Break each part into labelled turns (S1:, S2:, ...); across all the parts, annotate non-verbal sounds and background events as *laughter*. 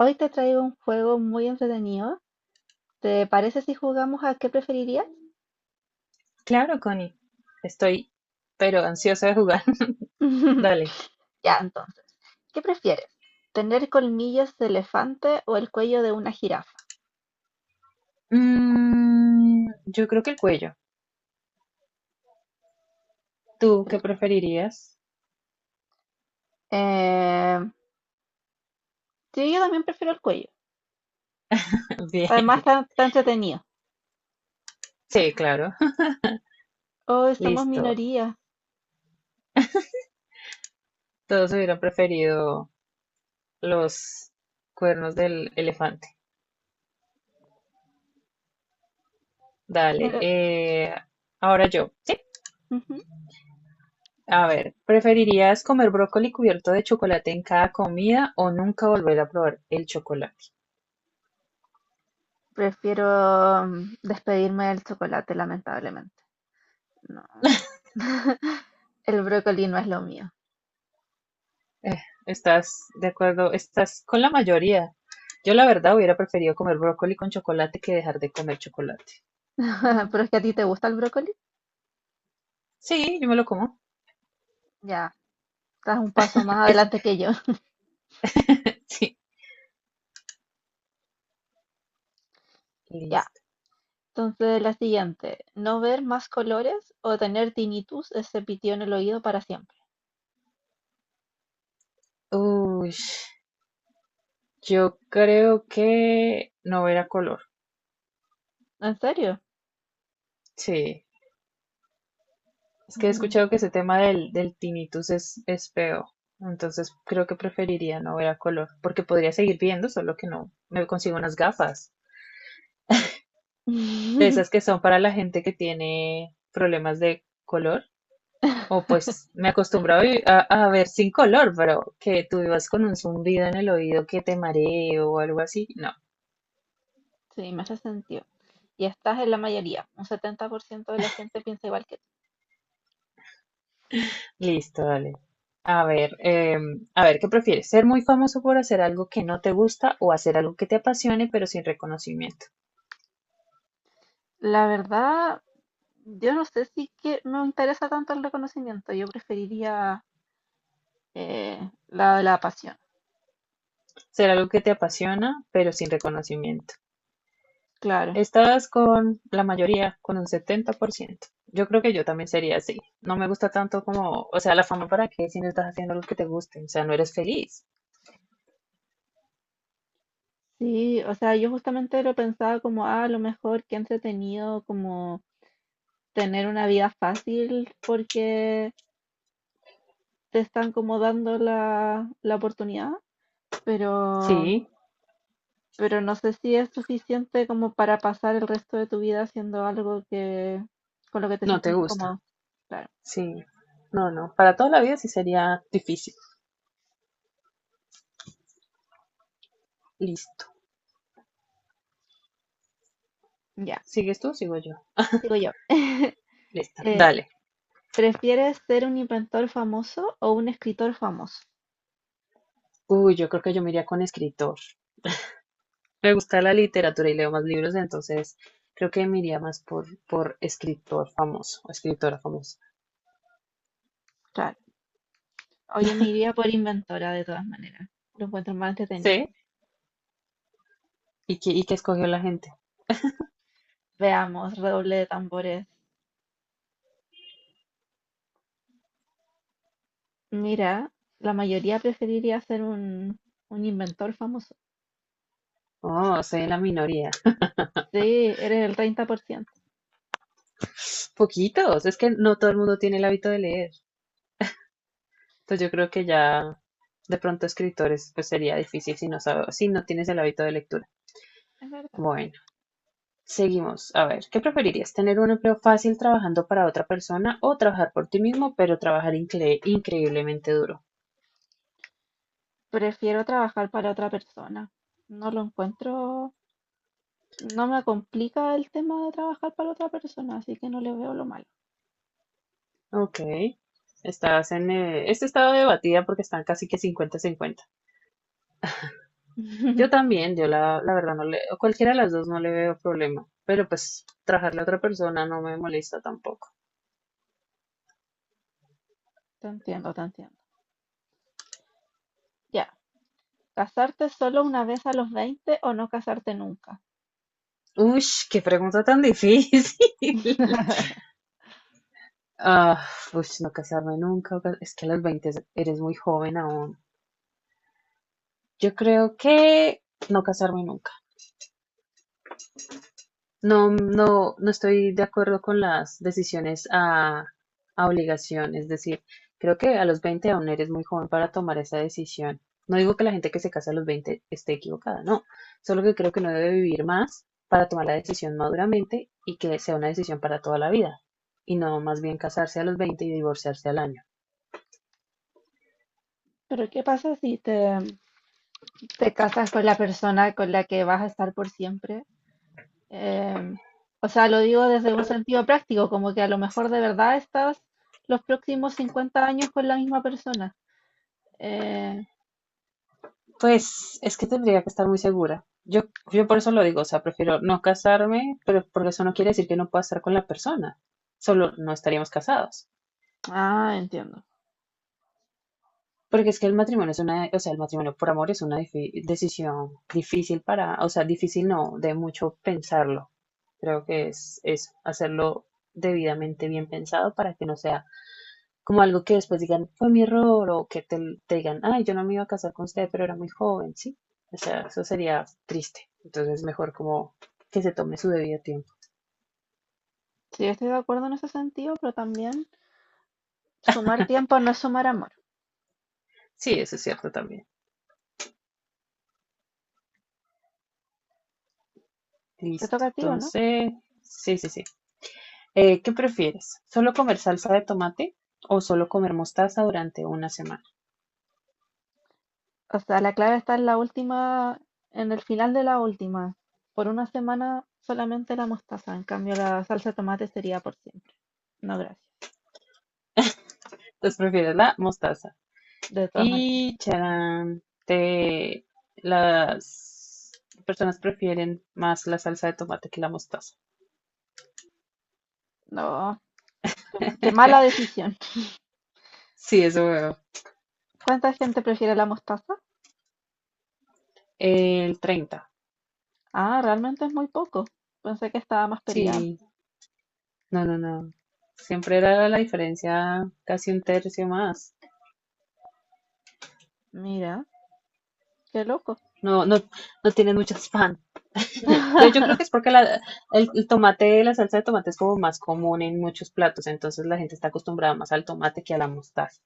S1: Hoy te traigo un juego muy entretenido. ¿Te parece si jugamos a qué preferirías?
S2: Claro, Connie. Estoy, pero ansiosa de jugar. *laughs*
S1: *laughs*
S2: Dale.
S1: Ya, entonces, ¿qué prefieres? ¿Tener colmillos de elefante o el cuello de una jirafa?
S2: Mm, yo creo que el cuello. ¿Tú qué
S1: El-
S2: preferirías?
S1: Eh, sí, yo también prefiero el cuello.
S2: *laughs*
S1: Además,
S2: Bien.
S1: está entretenido.
S2: Sí, claro.
S1: Hoy
S2: *laughs*
S1: somos
S2: Listo.
S1: minoría.
S2: Todos hubieran preferido los cuernos del elefante. Dale.
S1: pero-
S2: Ahora yo. Sí.
S1: ujú.
S2: A ver, ¿preferirías comer brócoli cubierto de chocolate en cada comida o nunca volver a probar el chocolate?
S1: Prefiero despedirme del chocolate, lamentablemente. No. *laughs* El brócoli no es lo mío.
S2: Eh, Estás de acuerdo, estás con la mayoría. Yo la verdad hubiera preferido comer brócoli con chocolate que dejar de comer chocolate.
S1: *laughs* ¿Pero es que a ti te gusta el brócoli?
S2: Sí, yo me lo como.
S1: Ya, estás un paso más
S2: Es-
S1: adelante que yo.
S2: *laughs* sí,
S1: Ya,
S2: listo.
S1: entonces la siguiente, no ver más colores o tener tinnitus, ese pitido en el oído para siempre.
S2: Uy, yo creo que no era color.
S1: ¿En serio?
S2: Sí, es que he
S1: Mm.
S2: escuchado que ese tema del tinnitus es feo. Entonces creo que preferiría no ver a color, porque podría seguir viendo, solo que no me consigo unas gafas. De esas que son para la gente que tiene problemas de color. O
S1: *laughs*
S2: pues me acostumbro a ver sin color, pero que tú vivas con un zumbido en el oído que te mareo o algo así. No,
S1: Sí, me hace sentido. Y estás en la mayoría, un 70% de la gente piensa igual que tú.
S2: listo, dale. A ver, ¿qué prefieres? ¿Ser muy famoso por hacer algo que no te gusta o hacer algo que te apasione pero sin reconocimiento?
S1: La verdad, yo no sé si que me interesa tanto el reconocimiento, yo preferiría eh, la de la pasión,
S2: Ser algo que te apasiona pero sin reconocimiento.
S1: claro.
S2: Estás con la mayoría, con un 70%. Yo creo que yo también sería así. No me gusta tanto como, o sea, la fama para qué si no estás haciendo algo que te guste, o sea, no eres feliz.
S1: Sí, o sea, yo justamente lo pensaba como, ah, a lo mejor que entretenido como tener una vida fácil porque te están como dando la oportunidad, pero,
S2: Sí.
S1: pero no sé si es suficiente como para pasar el resto de tu vida haciendo algo que, con lo que te
S2: No te
S1: sientes
S2: gusta.
S1: incómodo. Claro,
S2: Sí. No, no. Para toda la vida sí sería difícil. Listo.
S1: ya,
S2: ¿Sigues tú? Sigo yo.
S1: sigo yo. *laughs*
S2: Lista.
S1: Eh,
S2: Dale.
S1: ¿prefieres ser un inventor famoso o un escritor famoso?
S2: Uy, yo creo que yo me iría con escritor. Me gusta la literatura y leo más libros, entonces creo que me iría más por escritor famoso o escritora famosa.
S1: Claro, hoy me iría por inventora de todas maneras. Lo encuentro más entretenido.
S2: ¿Sí? ¿Y qué escogió la gente?
S1: Veamos, redoble de tambores. Mira, la mayoría preferiría ser un inventor famoso.
S2: Oh, soy de la minoría.
S1: Sí, eres el 30%.
S2: Poquitos. Es que no todo el mundo tiene el hábito de leer. Entonces yo creo que ya de pronto escritores pues sería difícil si no sabes, si no tienes el hábito de lectura.
S1: Es verdad.
S2: Bueno. Seguimos. A ver, ¿qué preferirías? ¿Tener un empleo fácil trabajando para otra persona o trabajar por ti mismo, pero trabajar increíblemente duro?
S1: Prefiero trabajar para otra persona. No lo encuentro, no me complica el tema de trabajar para otra persona, así que no le veo lo malo.
S2: Ok. Estás en este estado debatida porque están casi que 50 cincuenta. Yo
S1: *laughs*
S2: también, yo la verdad no le, a cualquiera de las dos no le veo problema, pero pues trabajarle a otra persona no me molesta tampoco.
S1: Te entiendo, te entiendo. Ya, casarte solo una vez a los 20 o no casarte nunca.
S2: Uy, qué pregunta tan difícil. *laughs*
S1: *laughs*
S2: Ah, Uy, no casarme nunca. Es que a los 20 eres muy joven aún. Yo creo que no casarme nunca. No, no, no estoy de acuerdo con las decisiones a obligación. Es decir, creo que a los 20 aún eres muy joven para tomar esa decisión. No digo que la gente que se casa a los 20 esté equivocada, no. Solo que creo que no debe vivir más para tomar la decisión maduramente y que sea una decisión para toda la vida. Y no más bien casarse a los 20 y divorciarse al año.
S1: Pero ¿qué pasa si te casas con la persona con la que vas a estar por siempre? Em, o sea, lo digo desde un sentido práctico, como que a lo mejor de verdad estás los próximos 50 años con la misma persona. Eh,
S2: Pues es que tendría que estar muy segura. Yo por eso lo digo, o sea, prefiero no casarme, pero porque eso no quiere decir que no pueda estar con la persona. Solo no estaríamos casados.
S1: ah, entiendo.
S2: Porque es que el matrimonio es una, o sea, el matrimonio por amor es una decisión difícil para, o sea, difícil no, de mucho pensarlo. Creo que es eso, hacerlo debidamente bien pensado para que no sea como algo que después digan, fue mi error, o que te digan, ay, yo no me iba a casar con usted, pero era muy joven, ¿sí? O sea, eso sería triste. Entonces, mejor como que se tome su debido tiempo.
S1: Sí, estoy de acuerdo en ese sentido, pero también sumar tiempo no es sumar amor.
S2: Sí, eso es cierto también.
S1: Te toca
S2: Listo.
S1: a ti, ¿o no?
S2: Entonces, sí, sí, sí. ¿Qué prefieres? ¿Solo comer salsa de tomate o solo comer mostaza durante una semana?
S1: O sea, la clave está en la última, en el final de la última. Por una semana solamente la mostaza, en cambio la salsa de tomate sería por siempre. No, gracias.
S2: Entonces, prefieres la mostaza.
S1: De todas maneras.
S2: Y, charán, las personas prefieren más la salsa de tomate que la mostaza.
S1: No, qué mala
S2: *laughs*
S1: decisión.
S2: Sí, eso veo.
S1: ¿Cuánta gente prefiere la mostaza?
S2: El 30.
S1: Ah, realmente es muy poco. Pensé que estaba más peleado.
S2: Sí, no, no, no. Siempre era la diferencia casi un tercio más.
S1: Mira. Qué loco.
S2: No, no, no tienen muchas pan. Yo creo que es
S1: *laughs*
S2: porque el tomate, la salsa de tomate es como más común en muchos platos, entonces la gente está acostumbrada más al tomate que a la mostaza.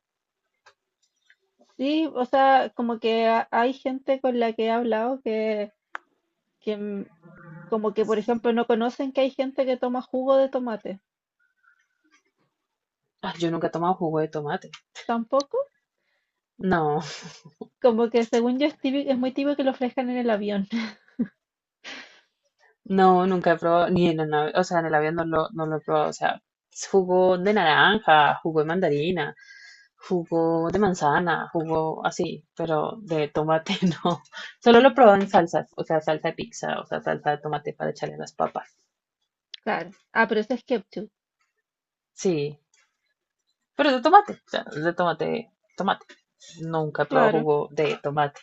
S1: Sí, o sea, como que hay gente con la que he hablado que, que, como que, por ejemplo, no conocen que hay gente que toma jugo de tomate.
S2: Ah, yo nunca he tomado jugo de tomate.
S1: Tampoco.
S2: No.
S1: Como que según yo es es muy típico que lo ofrezcan en el avión. *laughs*
S2: No, nunca he probado, ni en el, o sea, en el avión no lo he probado. O sea, jugo de naranja, jugo de mandarina, jugo de manzana, jugo así, pero de tomate *laughs* no. Solo lo he probado en salsas, o sea, salsa de pizza, o sea, salsa de tomate para echarle a las papas.
S1: Claro. Ah, pero eso es ketchup.
S2: Sí, pero de tomate, o sea, de tomate, tomate. Nunca he probado
S1: Claro,
S2: jugo de tomate.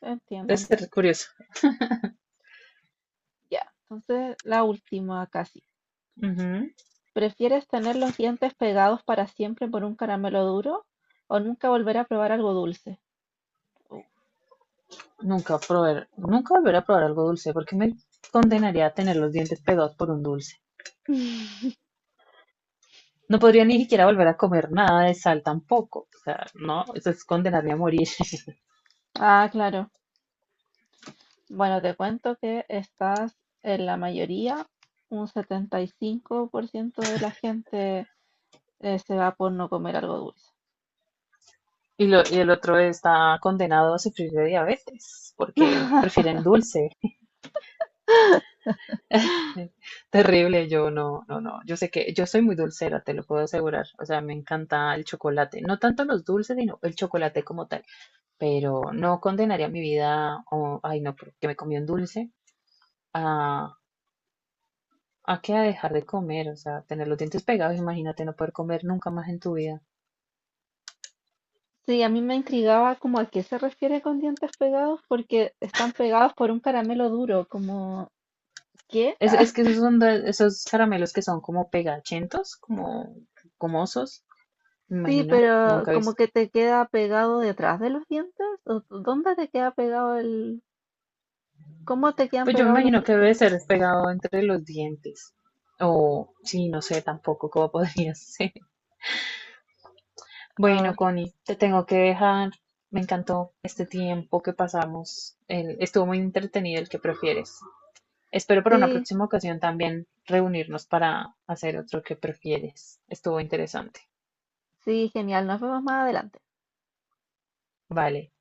S1: entiendo,
S2: Debe ser
S1: entiendo.
S2: curioso.
S1: Ya, entonces la última casi.
S2: Ujú.
S1: ¿Prefieres tener los dientes pegados para siempre por un caramelo duro o nunca volver a probar algo dulce? Uh.
S2: Nunca volver a probar algo dulce, porque me condenaría a tener los dientes pegados por un dulce.
S1: *laughs*
S2: No podría ni siquiera volver a comer nada de sal tampoco. O sea, no, eso es condenarme a morir. *laughs*
S1: Ah, claro. Bueno, te cuento que estás en la mayoría, un 75% de la gente se va por no comer algo dulce.
S2: Y, y el otro está condenado a sufrir de diabetes porque
S1: *laughs*
S2: prefieren dulce. *laughs* Terrible, yo no, no, no. Yo sé que yo soy muy dulcera, te lo puedo asegurar. O sea, me encanta el chocolate. No tanto los dulces, sino el chocolate como tal. Pero no condenaría mi vida, o, ay, no, porque me comí un dulce, a, a que a dejar de comer. O sea, tener los dientes pegados, imagínate no poder comer nunca más en tu vida.
S1: Sí, a mí me intrigaba como a qué se refiere con dientes pegados porque están pegados por un caramelo duro, como ¿qué?
S2: Es que esos son esos caramelos que son como pegachentos, como gomosos, me
S1: Sí,
S2: imagino,
S1: pero
S2: nunca he
S1: como
S2: visto.
S1: que te queda pegado detrás de los dientes, ¿o dónde te queda pegado el... ¿Cómo te quedan
S2: Pues yo me
S1: pegados los
S2: imagino que
S1: dientes?
S2: debe ser pegado entre los dientes. O sí, no sé tampoco cómo *laughs* podría ser.
S1: Ah,
S2: Bueno, Connie, te tengo que dejar. Me encantó este tiempo que pasamos. Estuvo muy entretenido el que prefieres. Espero para una
S1: sí,
S2: próxima ocasión también reunirnos para hacer otro que prefieres. Estuvo interesante.
S1: sí, genial. Nos vemos más adelante.
S2: Vale.